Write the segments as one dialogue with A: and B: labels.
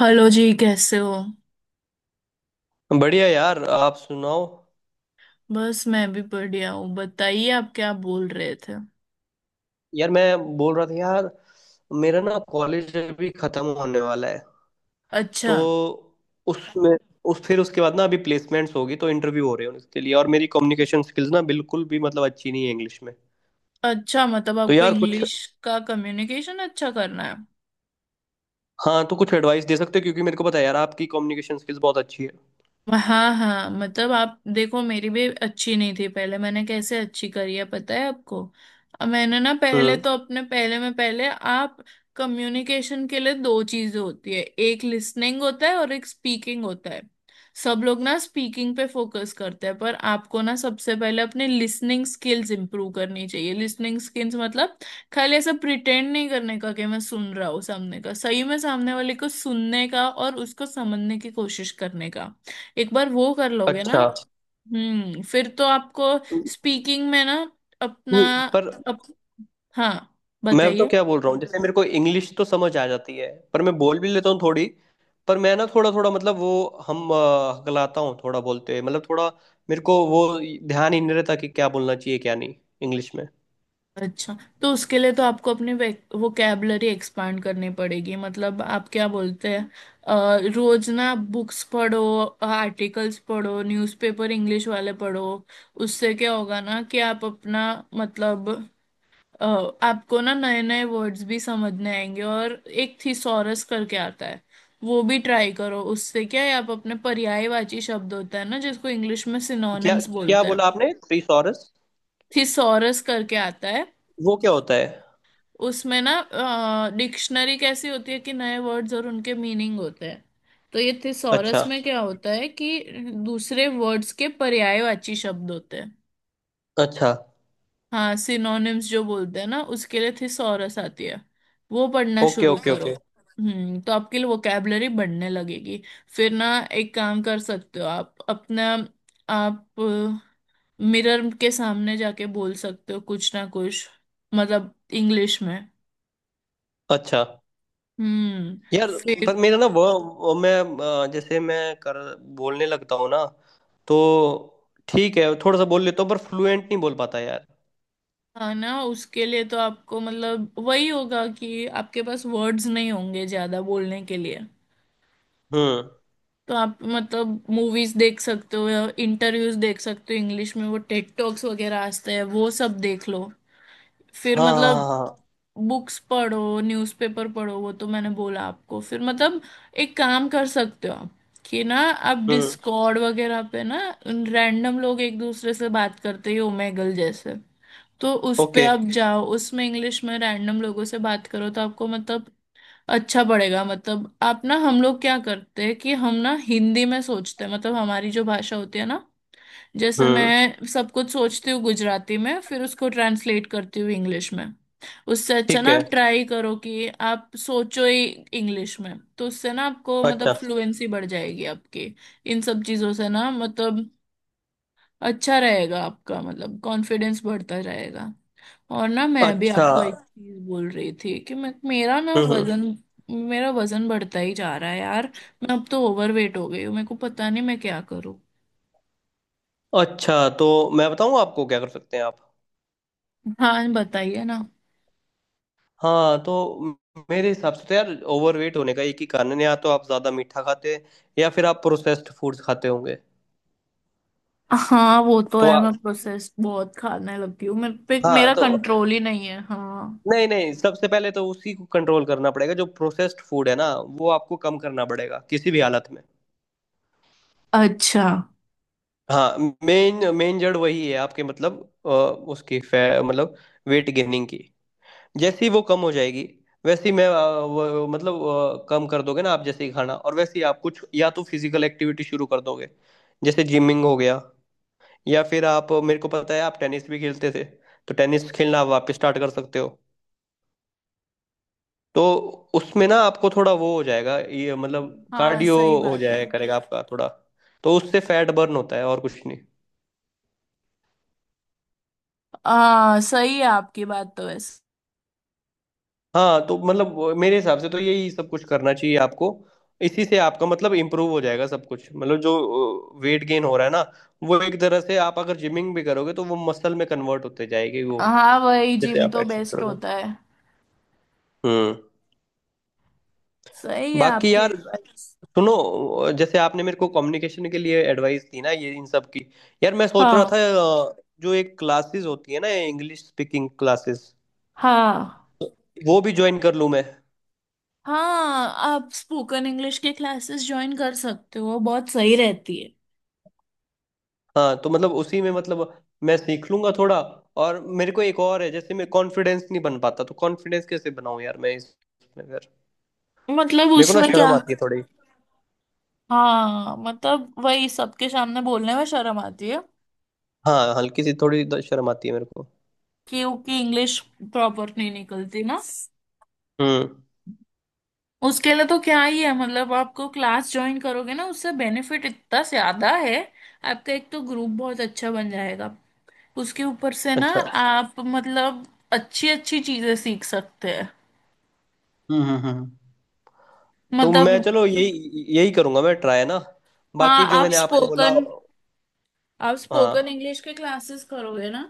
A: Hello जी, कैसे हो।
B: बढ़िया यार। आप सुनाओ।
A: बस मैं भी बढ़िया हूँ, बताइए आप क्या बोल रहे थे।
B: यार मैं बोल रहा था यार, मेरा ना कॉलेज अभी खत्म होने वाला है। तो
A: अच्छा।
B: उसमें उस फिर उसके बाद ना अभी प्लेसमेंट्स होगी, तो इंटरव्यू हो रहे हैं उसके लिए, और मेरी कम्युनिकेशन स्किल्स ना बिल्कुल भी मतलब अच्छी नहीं है इंग्लिश में।
A: अच्छा, मतलब
B: तो
A: आपको
B: यार कुछ
A: इंग्लिश का कम्युनिकेशन अच्छा करना है।
B: हाँ, तो कुछ एडवाइस दे सकते हो, क्योंकि मेरे को पता है यार आपकी कम्युनिकेशन स्किल्स बहुत अच्छी है।
A: हाँ हाँ, मतलब आप देखो, मेरी भी अच्छी नहीं थी पहले। मैंने कैसे अच्छी करी है पता है आपको? अब मैंने ना, पहले
B: हम्म।
A: तो अपने पहले आप, कम्युनिकेशन के लिए दो चीजें होती है, एक लिसनिंग होता है और एक स्पीकिंग होता है। सब लोग ना स्पीकिंग पे फोकस करते हैं, पर आपको ना सबसे पहले अपने लिसनिंग स्किल्स इंप्रूव करनी चाहिए। लिसनिंग स्किल्स मतलब खाली ऐसा प्रिटेंड नहीं करने का कि मैं सुन रहा हूँ सामने का, सही में सामने वाले को सुनने का और उसको समझने की कोशिश करने का। एक बार वो कर लोगे ना।
B: अच्छा।
A: हम्म, फिर तो आपको स्पीकिंग में ना अपना
B: पर
A: अप, हाँ
B: मैं तो
A: बताइए।
B: क्या बोल रहा हूँ, जैसे मेरे को इंग्लिश तो समझ आ जाती है, पर मैं बोल भी लेता हूँ थोड़ी। पर मैं ना थोड़ा थोड़ा मतलब वो हकलाता हूँ थोड़ा, बोलते मतलब थोड़ा मेरे को वो ध्यान ही नहीं रहता कि क्या बोलना चाहिए क्या नहीं, इंग्लिश में।
A: अच्छा, तो उसके लिए तो आपको अपनी वोकेबलरी एक्सपांड करनी पड़ेगी। मतलब आप क्या बोलते हैं, रोज ना बुक्स पढ़ो, आर्टिकल्स पढ़ो, न्यूज़पेपर इंग्लिश वाले पढ़ो। उससे क्या होगा ना कि आप अपना मतलब, अ, आपको ना नए नए वर्ड्स भी समझने आएंगे। और एक थिसॉरस करके आता है, वो भी ट्राई करो। उससे क्या है, आप अपने, पर्यायवाची शब्द होता है ना, जिसको इंग्लिश में
B: क्या
A: सिनोनिम्स
B: क्या
A: बोलते हैं।
B: बोला आपने? थिसॉरस?
A: थिसॉरस करके आता है,
B: वो क्या होता है?
A: उसमें ना, डिक्शनरी कैसी होती है कि नए वर्ड्स और उनके मीनिंग होते हैं, तो ये थिसॉरस
B: अच्छा।
A: में क्या होता है कि दूसरे वर्ड्स के पर्यायवाची शब्द होते हैं।
B: अच्छा।
A: हाँ, सिनोनिम्स जो बोलते हैं ना, उसके लिए थिसॉरस आती है। वो पढ़ना
B: ओके
A: शुरू
B: ओके
A: करो।
B: ओके।
A: हम्म, तो आपके लिए वोकेबलरी बढ़ने लगेगी। फिर ना एक काम कर सकते हो आप अपना, आप मिरर के सामने जाके बोल सकते हो कुछ ना कुछ, मतलब इंग्लिश में।
B: अच्छा।
A: हम्म,
B: यार,
A: फिर।
B: पर मेरा ना वो मैं जैसे मैं कर बोलने लगता हूँ ना, तो ठीक है थोड़ा सा बोल लेता हूँ, पर फ्लुएंट नहीं बोल पाता यार।
A: हाँ ना, उसके लिए तो आपको मतलब वही होगा कि आपके पास वर्ड्स नहीं होंगे ज्यादा बोलने के लिए।
B: हम्म।
A: तो आप मतलब मूवीज देख सकते हो, इंटरव्यूज देख सकते हो इंग्लिश में, वो टेड टॉक्स वगैरह आते हैं वो सब देख लो। फिर
B: हाँ हाँ हाँ
A: मतलब
B: हाँ।
A: बुक्स पढ़ो, न्यूज़पेपर पढ़ो, वो तो मैंने बोला आपको। फिर मतलब एक काम कर सकते हो आप, कि ना आप
B: हम्म।
A: डिस्कॉर्ड वगैरह पे ना, रैंडम लोग एक दूसरे से बात करते ही, ओमेगल जैसे। तो उस पे
B: ओके।
A: आप जाओ, उसमें इंग्लिश में रैंडम लोगों से बात करो तो आपको मतलब अच्छा पड़ेगा। मतलब आप ना, हम लोग क्या करते हैं कि हम ना हिंदी में सोचते हैं, मतलब हमारी जो भाषा होती है ना, जैसे
B: हम्म।
A: मैं सब कुछ सोचती हूँ गुजराती में, फिर उसको ट्रांसलेट करती हूँ इंग्लिश में। उससे अच्छा
B: ठीक
A: ना आप
B: है।
A: ट्राई करो कि आप सोचो ही इंग्लिश में, तो उससे ना आपको
B: अच्छा।
A: मतलब फ्लुएंसी बढ़ जाएगी आपकी। इन सब चीज़ों से ना मतलब अच्छा रहेगा आपका, मतलब कॉन्फिडेंस बढ़ता जाएगा। और ना, मैं भी
B: अच्छा।
A: आपको अच्छा एक चीज बोल रही थी कि मैं, मेरा ना
B: हम्म।
A: वजन, मेरा वजन बढ़ता ही जा रहा है यार। मैं अब तो ओवरवेट हो गई हूँ, मेरे को पता नहीं मैं क्या करूँ।
B: अच्छा, तो मैं बताऊँ आपको क्या कर सकते हैं आप?
A: हाँ बताइए ना।
B: हाँ, तो मेरे हिसाब से तो यार, ओवरवेट होने का एक ही कारण है, या तो आप ज़्यादा मीठा खाते हैं, या फिर आप प्रोसेस्ड फूड्स खाते होंगे।
A: हाँ वो तो
B: तो
A: है,
B: आप
A: मैं प्रोसेस बहुत खाने लगी हूँ, मेरे पे
B: हाँ,
A: मेरा
B: तो
A: कंट्रोल ही नहीं है, हाँ।
B: नहीं नहीं, सबसे पहले तो उसी को कंट्रोल करना पड़ेगा जो प्रोसेस्ड फूड है ना, वो आपको कम करना पड़ेगा किसी भी हालत में।
A: अच्छा।
B: हाँ। मेन मेन जड़ वही है आपके, मतलब उसकी फै मतलब वेट गेनिंग की। जैसी वो कम हो जाएगी, वैसी मैं अ, वो, मतलब अ, कम कर दोगे ना आप जैसे ही खाना, और वैसे ही आप कुछ या तो फिजिकल एक्टिविटी शुरू कर दोगे, जैसे जिमिंग हो गया, या फिर आप मेरे को पता है आप टेनिस भी खेलते थे, तो टेनिस खेलना आप वापस स्टार्ट कर सकते हो। तो उसमें ना आपको थोड़ा वो हो जाएगा ये, मतलब
A: हाँ
B: कार्डियो
A: सही
B: हो
A: बात है।
B: जाया करेगा आपका थोड़ा, तो उससे फैट बर्न होता है और कुछ।
A: हाँ सही है आपकी बात तो वैसे।
B: हाँ, तो मतलब मेरे हिसाब से तो यही सब कुछ करना चाहिए आपको, इसी से आपका मतलब इम्प्रूव हो जाएगा सब कुछ, मतलब जो वेट गेन हो रहा है ना, वो एक तरह से आप अगर जिमिंग भी करोगे तो वो मसल में कन्वर्ट होते जाएगी वो,
A: हाँ, वही
B: जैसे
A: जिम
B: आप
A: तो
B: एक्सरसाइज
A: बेस्ट
B: करोगे।
A: होता है।
B: हम्म।
A: सही है
B: बाकी
A: आपकी
B: यार,
A: एडवाइस।
B: सुनो, जैसे आपने मेरे को कम्युनिकेशन के लिए एडवाइस दी ना, ये इन सब की, यार मैं सोच रहा
A: हाँ
B: था, अ, जो एक क्लासेस होती है ना, इंग्लिश स्पीकिंग क्लासेस,
A: हाँ
B: वो भी ज्वाइन कर लूँ मैं।
A: हाँ। आप स्पोकन इंग्लिश के क्लासेस ज्वाइन कर सकते हो, बहुत सही रहती है।
B: हाँ, तो मतलब उसी में मतलब मैं सीख लूंगा थोड़ा। और मेरे को एक और है, जैसे मैं कॉन्फिडेंस नहीं बन पाता, तो कॉन्फिडेंस कैसे बनाऊं यार, मैं इसमें फिर
A: मतलब
B: मेरे को ना
A: उसमें क्या।
B: शर्म आती है थोड़ी।
A: हाँ मतलब वही, सबके सामने बोलने में शर्म आती है,
B: हाँ, हल्की सी थोड़ी शर्म आती है मेरे को।
A: क्योंकि इंग्लिश प्रॉपर नहीं निकलती ना।
B: हम्म।
A: उसके लिए तो क्या ही है मतलब, आपको क्लास ज्वाइन करोगे ना, उससे बेनिफिट इतना ज्यादा है। आपका एक तो ग्रुप बहुत अच्छा बन जाएगा, उसके ऊपर से ना
B: अच्छा।
A: आप मतलब अच्छी अच्छी चीजें सीख सकते हैं।
B: हम्म। तो
A: मतलब,
B: मैं चलो यही यही करूंगा, मैं ट्राई ना।
A: हाँ
B: बाकी जो
A: आप
B: मैंने आपको बोला।
A: स्पोकन, आप स्पोकन
B: हाँ।
A: इंग्लिश के क्लासेस करोगे ना,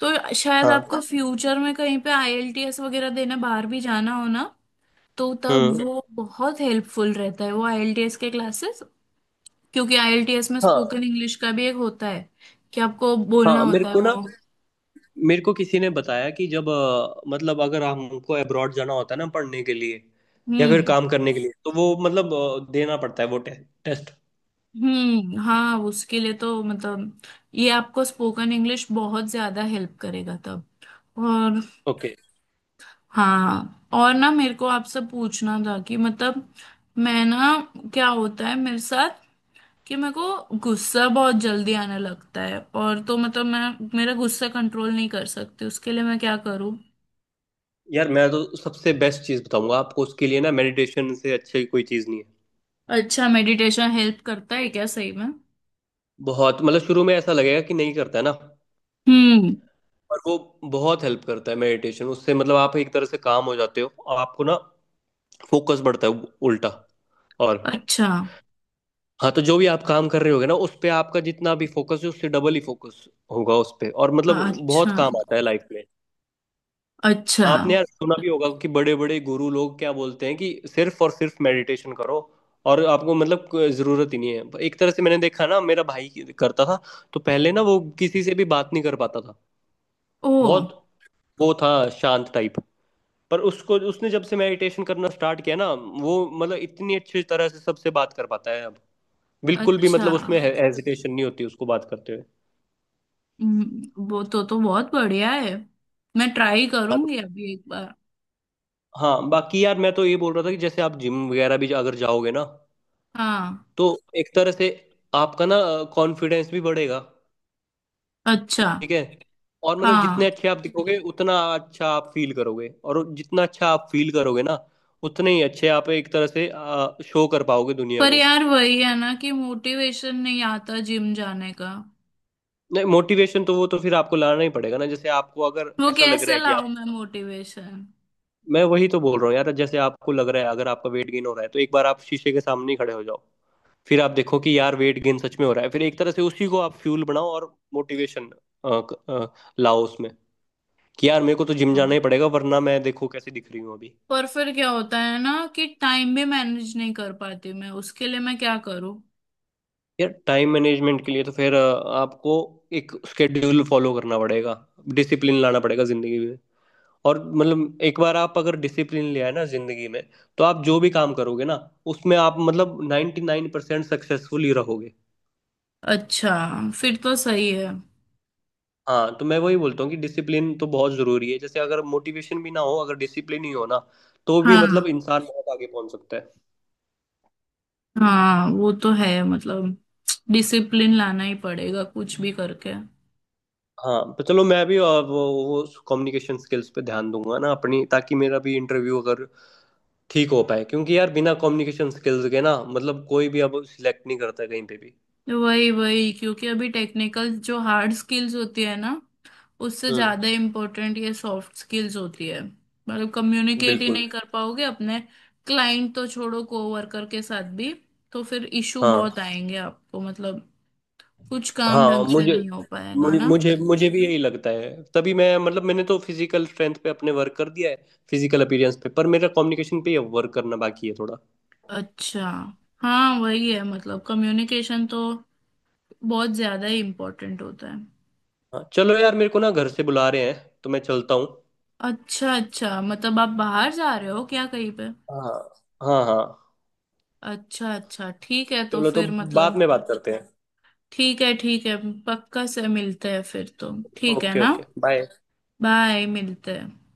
A: तो शायद
B: हाँ।
A: आपको फ्यूचर में कहीं पे आईएलटीएस वगैरह देने बाहर भी जाना हो ना, तो तब
B: हम्म।
A: वो बहुत हेल्पफुल रहता है वो आईएलटीएस के क्लासेस। क्योंकि आईएलटीएस में
B: हाँ।
A: स्पोकन इंग्लिश का भी एक होता है कि आपको बोलना
B: हाँ, मेरे
A: होता है
B: को
A: वो।
B: ना मेरे को किसी ने बताया कि जब मतलब अगर हमको अब्रॉड जाना होता है ना पढ़ने के लिए, या फिर
A: हम्म
B: काम करने के लिए, तो वो मतलब देना पड़ता है वो टेस्ट।
A: हम्म। हाँ उसके लिए तो मतलब ये आपको स्पोकन इंग्लिश बहुत ज्यादा हेल्प करेगा तब। और
B: ओके।
A: हाँ, और ना मेरे को आपसे पूछना था कि मतलब, मैं ना, क्या होता है मेरे साथ कि मेरे को गुस्सा बहुत जल्दी आने लगता है, और तो मतलब मैं मेरा गुस्सा कंट्रोल नहीं कर सकती, उसके लिए मैं क्या करूँ।
B: यार, मैं तो सबसे बेस्ट चीज़ बताऊंगा आपको उसके लिए ना, मेडिटेशन से अच्छी कोई चीज़ नहीं है।
A: अच्छा, मेडिटेशन हेल्प करता है क्या सही में?
B: बहुत, मतलब शुरू में ऐसा लगेगा कि नहीं करता है ना,
A: हम्म।
B: पर वो बहुत हेल्प करता है मेडिटेशन, उससे मतलब आप एक तरह से काम हो जाते हो, आपको ना फोकस बढ़ता है उल्टा। और
A: अच्छा।
B: हाँ, तो जो भी आप काम कर रहे होगे ना, उस पे आपका जितना भी फोकस है, उससे डबल ही फोकस होगा उस पे, और मतलब बहुत
A: अच्छा।
B: काम आता है लाइफ में।
A: अच्छा।
B: आपने यार सुना भी होगा कि बड़े बड़े गुरु लोग क्या बोलते हैं कि सिर्फ और सिर्फ मेडिटेशन करो, और आपको मतलब कोई जरूरत ही नहीं है एक तरह से। मैंने देखा ना, मेरा भाई करता था, तो पहले ना वो किसी से भी बात नहीं कर पाता था,
A: ओ।
B: बहुत वो था शांत टाइप। पर उसको उसने जब से मेडिटेशन करना स्टार्ट किया ना, वो मतलब इतनी अच्छी तरह से सबसे बात कर पाता है अब, बिल्कुल भी
A: अच्छा।
B: मतलब उसमें हेजिटेशन नहीं होती उसको बात करते हुए।
A: वो तो बहुत बढ़िया है। मैं ट्राई करूंगी अभी एक बार।
B: हाँ, बाकी यार मैं तो ये बोल रहा था कि जैसे आप जिम वगैरह भी अगर जाओगे ना,
A: हाँ।
B: तो एक तरह से आपका ना कॉन्फिडेंस भी बढ़ेगा।
A: अच्छा।
B: ठीक है। और मतलब जितने
A: हाँ।
B: अच्छे आप दिखोगे, उतना अच्छा आप फील करोगे, और जितना अच्छा आप फील करोगे ना, उतने ही अच्छे आप एक तरह से शो कर पाओगे दुनिया
A: पर
B: को।
A: यार वही है ना कि मोटिवेशन नहीं आता जिम जाने का।
B: नहीं, मोटिवेशन तो वो तो फिर आपको लाना ही पड़ेगा ना, जैसे आपको अगर
A: वो
B: ऐसा लग रहा
A: कैसे
B: है कि,
A: लाऊं मैं मोटिवेशन।
B: मैं वही तो बोल रहा हूँ यार, जैसे आपको लग रहा है अगर आपका वेट गेन हो रहा है, तो एक बार आप शीशे के सामने ही खड़े हो जाओ, फिर आप देखो कि यार वेट गेन सच में हो रहा है, फिर एक तरह से उसी को आप फ्यूल बनाओ और मोटिवेशन लाओ उसमें, कि यार मेरे को तो जिम जाना ही पड़ेगा, वरना मैं देखो कैसे दिख रही हूँ अभी।
A: पर फिर क्या होता है ना कि टाइम भी मैनेज नहीं कर पाती मैं, उसके लिए मैं क्या करूं।
B: यार, टाइम मैनेजमेंट के लिए तो फिर आपको एक स्केड्यूल फॉलो करना पड़ेगा, डिसिप्लिन लाना पड़ेगा जिंदगी में। और मतलब एक बार आप अगर डिसिप्लिन ले आए ना जिंदगी में, तो आप जो भी काम करोगे ना, उसमें आप मतलब 99% नाइन परसेंट सक्सेसफुल ही रहोगे।
A: अच्छा। फिर तो सही है।
B: हाँ, तो मैं वही बोलता हूँ कि डिसिप्लिन तो बहुत जरूरी है, जैसे अगर मोटिवेशन भी ना हो, अगर डिसिप्लिन ही हो ना, तो भी
A: हाँ।
B: मतलब इंसान बहुत आगे पहुंच सकता है।
A: हाँ वो तो है मतलब, डिसिप्लिन लाना ही पड़ेगा कुछ भी करके।
B: हाँ, तो चलो मैं भी वो कम्युनिकेशन स्किल्स पे ध्यान दूंगा ना अपनी, ताकि मेरा भी इंटरव्यू अगर ठीक हो पाए, क्योंकि यार बिना कम्युनिकेशन स्किल्स के ना मतलब कोई भी अब सिलेक्ट नहीं करता कहीं पे भी।
A: वही वही, क्योंकि अभी टेक्निकल जो हार्ड स्किल्स होती है ना, उससे
B: हम्म।
A: ज्यादा इम्पोर्टेंट ये सॉफ्ट स्किल्स होती है। मतलब कम्युनिकेट ही
B: बिल्कुल।
A: नहीं कर पाओगे अपने क्लाइंट तो छोड़ो, कोवर्कर के साथ भी। तो फिर इशू बहुत
B: हाँ,
A: आएंगे आपको मतलब, कुछ काम
B: हाँ
A: ढंग से
B: मुझे
A: नहीं हो पाएगा
B: मुझे
A: ना।
B: मुझे मुझे भी यही लगता है, तभी मैं मतलब मैंने तो फिजिकल स्ट्रेंथ पे अपने वर्क कर दिया है, फिजिकल अपीयरेंस पे, पर मेरा कम्युनिकेशन पे वर्क करना बाकी है थोड़ा।
A: अच्छा। हाँ वही है मतलब, कम्युनिकेशन तो बहुत ज्यादा ही इम्पोर्टेंट होता है।
B: हाँ चलो यार, मेरे को ना घर से बुला रहे हैं, तो मैं चलता हूँ।
A: अच्छा अच्छा, मतलब आप बाहर जा रहे हो क्या कहीं पे?
B: हाँ। हाँ हाँ।
A: अच्छा अच्छा ठीक है, तो
B: चलो, तो
A: फिर
B: बाद
A: मतलब,
B: में बात करते हैं।
A: ठीक है ठीक है। पक्का से मिलते हैं फिर तो, ठीक है
B: ओके
A: ना।
B: Okay, bye.
A: बाय, मिलते हैं।